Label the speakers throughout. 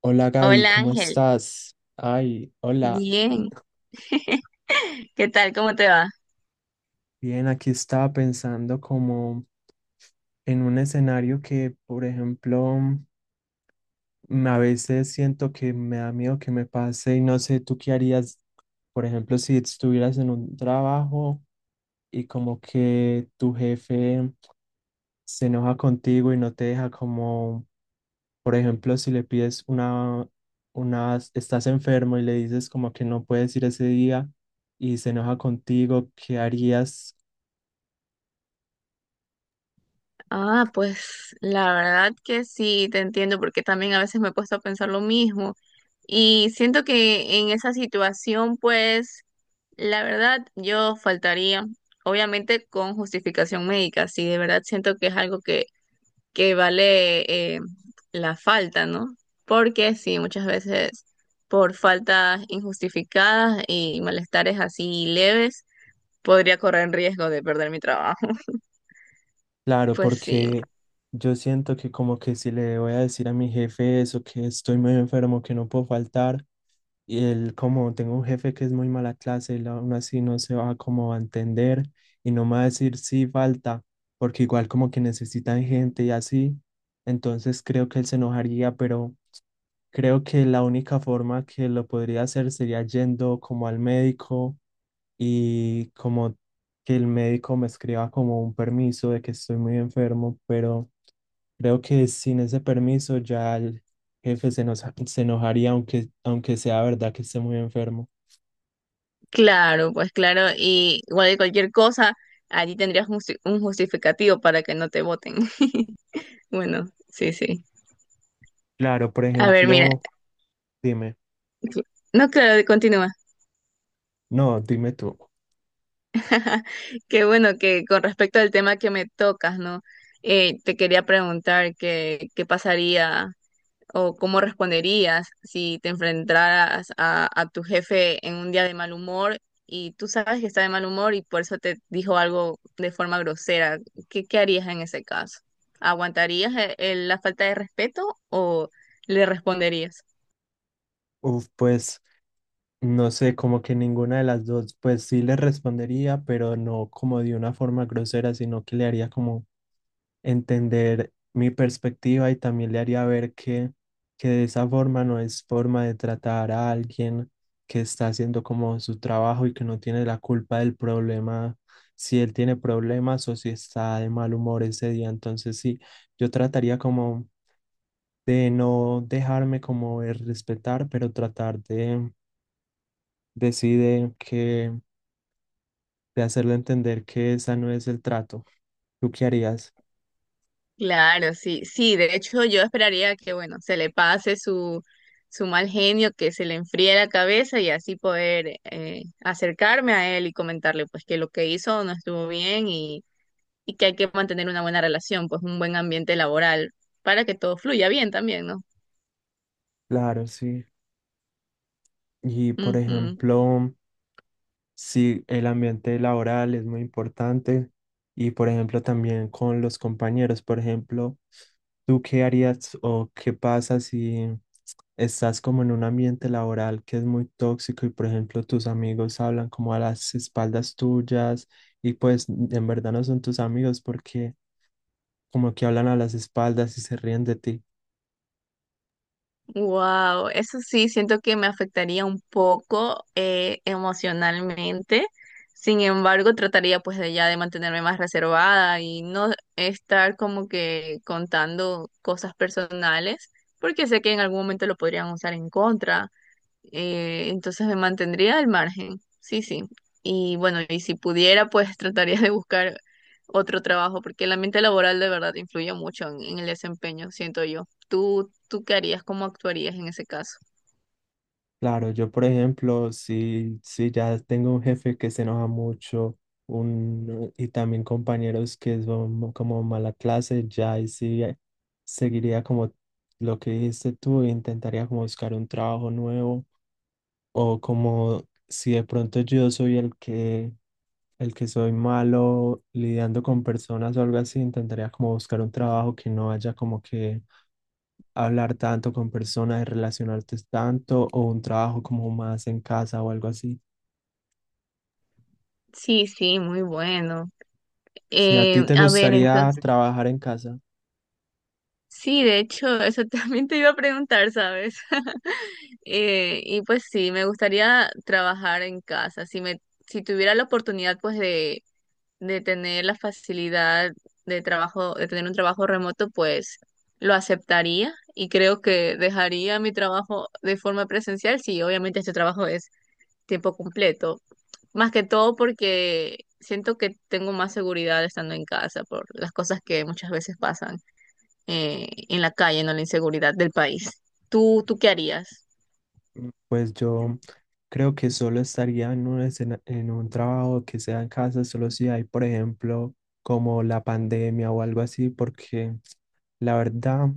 Speaker 1: Hola Gaby,
Speaker 2: Hola
Speaker 1: ¿cómo
Speaker 2: Ángel,
Speaker 1: estás? Ay, hola.
Speaker 2: bien, ¿qué tal? ¿Cómo te va?
Speaker 1: Bien, aquí estaba pensando como en un escenario que, por ejemplo, a veces siento que me da miedo que me pase y no sé, ¿tú qué harías, por ejemplo, si estuvieras en un trabajo y como que tu jefe se enoja contigo y no te deja como, por ejemplo, si le pides una, estás enfermo y le dices como que no puedes ir ese día y se enoja contigo? ¿Qué harías?
Speaker 2: Ah, pues la verdad que sí, te entiendo porque también a veces me he puesto a pensar lo mismo y siento que en esa situación, pues la verdad yo faltaría, obviamente con justificación médica, sí, de verdad siento que es algo que, que vale, la falta, ¿no? Porque sí, muchas veces por faltas injustificadas y malestares así leves podría correr en riesgo de perder mi trabajo.
Speaker 1: Claro,
Speaker 2: Pues sí,
Speaker 1: porque yo siento que como que si le voy a decir a mi jefe eso, que estoy muy enfermo, que no puedo faltar, y él, como tengo un jefe que es muy mala clase, él aún así no se va como a entender y no me va a decir sí falta, porque igual como que necesitan gente y así, entonces creo que él se enojaría, pero creo que la única forma que lo podría hacer sería yendo como al médico y como que el médico me escriba como un permiso de que estoy muy enfermo, pero creo que sin ese permiso ya el jefe se, nos, se enojaría aunque sea verdad que esté muy enfermo.
Speaker 2: claro, pues claro. Y igual de cualquier cosa, allí tendrías un justificativo para que no te voten. Bueno, sí, sí.
Speaker 1: Claro, por
Speaker 2: A ver, mira,
Speaker 1: ejemplo, dime,
Speaker 2: no, claro, continúa.
Speaker 1: no, dime tú.
Speaker 2: Qué bueno que con respecto al tema que me tocas, ¿no? Te quería preguntar qué pasaría o cómo responderías si te enfrentaras a tu jefe en un día de mal humor y tú sabes que está de mal humor y por eso te dijo algo de forma grosera. ¿ qué harías en ese caso? ¿Aguantarías la falta de respeto o le responderías?
Speaker 1: Uf, pues no sé, como que ninguna de las dos, pues sí le respondería, pero no como de una forma grosera, sino que le haría como entender mi perspectiva y también le haría ver que de esa forma no es forma de tratar a alguien que está haciendo como su trabajo y que no tiene la culpa del problema, si él tiene problemas o si está de mal humor ese día. Entonces sí, yo trataría como de no dejarme como de respetar, pero tratar de decir que, de hacerle entender que esa no es el trato. ¿Tú qué harías?
Speaker 2: Claro, sí, sí, de hecho yo esperaría que, bueno, se le pase su mal genio, que se le enfríe la cabeza y así poder acercarme a él y comentarle pues que lo que hizo no estuvo bien y que hay que mantener una buena relación, pues un buen ambiente laboral para que todo fluya bien también, ¿no?
Speaker 1: Claro, sí. Y por ejemplo, sí, el ambiente laboral es muy importante y, por ejemplo, también con los compañeros. Por ejemplo, ¿tú qué harías o qué pasa si estás como en un ambiente laboral que es muy tóxico y, por ejemplo, tus amigos hablan como a las espaldas tuyas y pues en verdad no son tus amigos porque como que hablan a las espaldas y se ríen de ti?
Speaker 2: Wow, eso sí, siento que me afectaría un poco emocionalmente. Sin embargo, trataría pues de ya de mantenerme más reservada y no estar como que contando cosas personales, porque sé que en algún momento lo podrían usar en contra. Entonces me mantendría al margen, sí, sí. Y bueno, y si pudiera, pues trataría de buscar otro trabajo, porque el ambiente laboral de verdad influye mucho en el desempeño, siento yo. ¿ tú qué harías? ¿Cómo actuarías en ese caso?
Speaker 1: Claro, yo por ejemplo, si ya tengo un jefe que se enoja mucho un, y también compañeros que son como mala clase, ya ahí sí seguiría como lo que dijiste tú, intentaría como buscar un trabajo nuevo o como si de pronto yo soy el que soy malo lidiando con personas o algo así, intentaría como buscar un trabajo que no haya como que hablar tanto con personas y relacionarte tanto o un trabajo como más en casa o algo así.
Speaker 2: Sí, sí, muy bueno.
Speaker 1: ¿Si a ti te
Speaker 2: A ver,
Speaker 1: gustaría
Speaker 2: entonces,
Speaker 1: trabajar en casa?
Speaker 2: sí, de hecho, eso también te iba a preguntar, ¿sabes? Y pues sí, me gustaría trabajar en casa. Si tuviera la oportunidad, pues de tener la facilidad de trabajo, de tener un trabajo remoto, pues lo aceptaría y creo que dejaría mi trabajo de forma presencial si obviamente este trabajo es tiempo completo. Más que todo porque siento que tengo más seguridad estando en casa por las cosas que muchas veces pasan en la calle, no la inseguridad del país. ¿ tú qué harías?
Speaker 1: Mm, pues yo creo que solo estaría en un, escena- en un trabajo que sea en casa, solo si hay, por ejemplo, como la pandemia o algo así, porque la verdad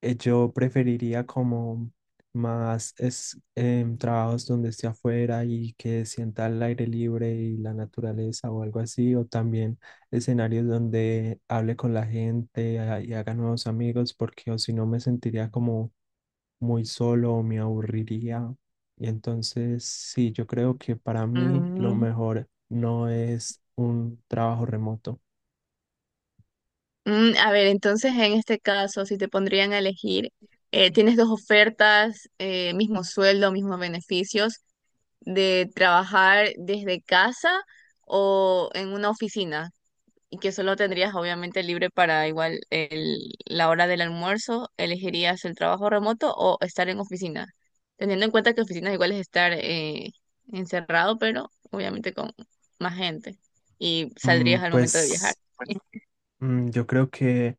Speaker 1: yo preferiría como más es, trabajos donde esté afuera y que sienta el aire libre y la naturaleza o algo así, o también escenarios donde hable con la gente y haga nuevos amigos, porque o si no me sentiría como muy solo o me aburriría. Y entonces, sí, yo creo que para mí lo
Speaker 2: Mm,
Speaker 1: mejor no es un trabajo remoto.
Speaker 2: Mm, a ver, entonces en este caso, si te pondrían a elegir, tienes dos ofertas, mismo sueldo, mismos beneficios, de trabajar desde casa o en una oficina, y que solo tendrías obviamente libre para igual la hora del almuerzo, ¿elegirías el trabajo remoto o estar en oficina? Teniendo en cuenta que oficina igual es estar encerrado, pero obviamente con más gente, y
Speaker 1: Mm,
Speaker 2: saldrías al momento de viajar.
Speaker 1: Pues yo creo que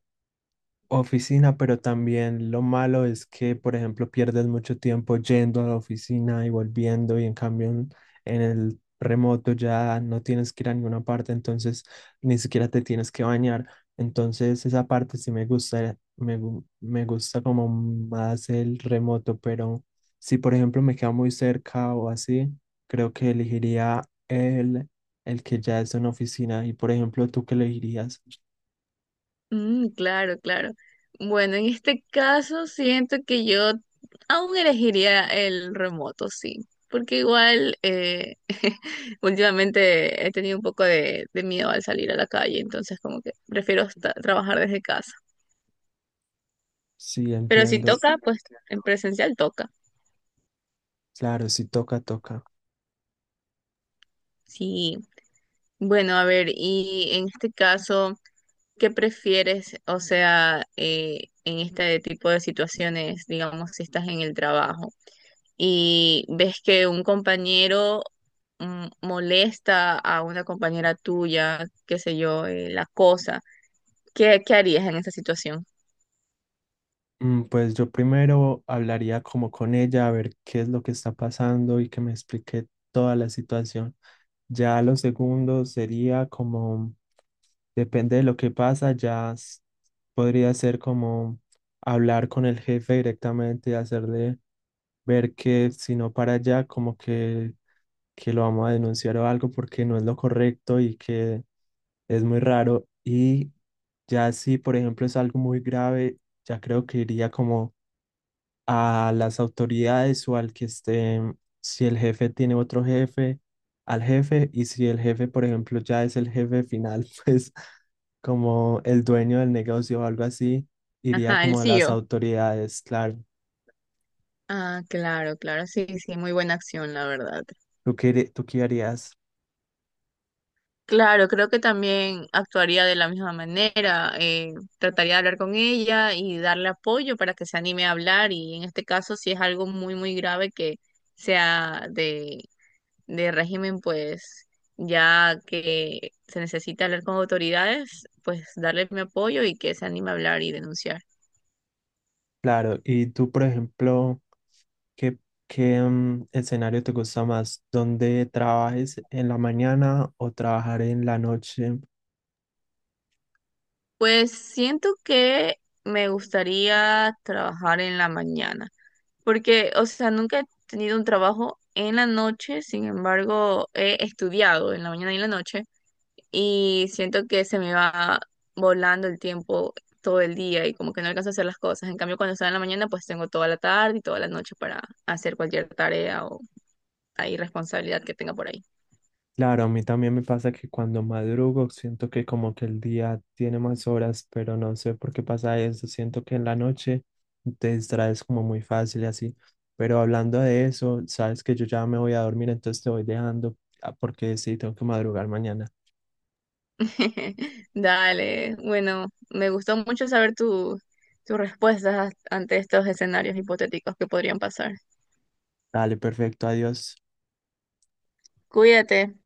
Speaker 1: oficina, pero también lo malo es que, por ejemplo, pierdes mucho tiempo yendo a la oficina y volviendo y en cambio, en el remoto ya no tienes que ir a ninguna parte, entonces ni siquiera te tienes que bañar. Entonces esa parte sí me gusta, me, gu- me gusta como más el remoto, pero si por ejemplo me queda muy cerca o así, creo que elegiría el que ya es una oficina. Y por ejemplo, ¿tú qué elegirías?
Speaker 2: Mm, claro, claro. Bueno, en este caso siento que yo aún elegiría el remoto, sí, porque igual últimamente he tenido un poco de miedo al salir a la calle, entonces como que prefiero trabajar desde casa.
Speaker 1: Sí,
Speaker 2: Pero si
Speaker 1: entiendo.
Speaker 2: toca, pues en presencial toca.
Speaker 1: Claro, si toca, toca.
Speaker 2: Sí. Bueno, a ver, y en este caso, ¿qué prefieres? O sea, en este tipo de situaciones, digamos, si estás en el trabajo y ves que un compañero mm, molesta a una compañera tuya, qué sé yo, la cosa, ¿ qué harías en esa situación?
Speaker 1: Mm, pues yo primero hablaría como con ella, a ver qué es lo que está pasando y que me explique toda la situación. Ya lo segundo sería como, depende de lo que pasa, ya s- podría ser como hablar con el jefe directamente, hacerle ver que si no para allá, como que lo vamos a denunciar o algo porque no es lo correcto y que es muy raro. Y ya si, por ejemplo, es algo muy grave, ya creo que iría como a las autoridades o al que esté, si el jefe tiene otro jefe, al jefe. Y si el jefe, por ejemplo, ya es el jefe final, pues como el dueño del negocio o algo así, iría
Speaker 2: Ajá, el
Speaker 1: como a las
Speaker 2: CEO.
Speaker 1: autoridades, claro.
Speaker 2: Ah, claro, claro, sí, sí, muy buena acción, la verdad.
Speaker 1: ¿Tú qué, harí- tú qué harías?
Speaker 2: Claro, creo que también actuaría de la misma manera, trataría de hablar con ella y darle apoyo para que se anime a hablar y en este caso si es algo muy, muy grave que sea de régimen, pues ya que se necesita hablar con autoridades, pues darle mi apoyo y que se anime a hablar y denunciar.
Speaker 1: Claro. Y tú, por ejemplo... ¿Qué, qué, mm, escenario te gusta más? ¿Dónde trabajes en la mañana o trabajar en la noche?
Speaker 2: Pues siento que me gustaría trabajar en la mañana, porque, o sea, nunca he tenido un trabajo en la noche, sin embargo, he estudiado en la mañana y en la noche y siento que se me va volando el tiempo todo el día y como que no alcanzo a hacer las cosas. En cambio, cuando estoy en la mañana, pues tengo toda la tarde y toda la noche para hacer cualquier tarea o ahí responsabilidad que tenga por ahí.
Speaker 1: Claro, a mí también me pasa que cuando madrugo siento que como que el día tiene más horas, pero no sé por qué pasa eso. Siento que en la noche te distraes como muy fácil y así. Pero hablando de eso, sabes que yo ya me voy a dormir, entonces te voy dejando, ah, porque sí, tengo que madrugar mañana.
Speaker 2: Dale, bueno, me gustó mucho saber tus respuestas ante estos escenarios hipotéticos que podrían pasar.
Speaker 1: Dale, perfecto, adiós.
Speaker 2: Cuídate.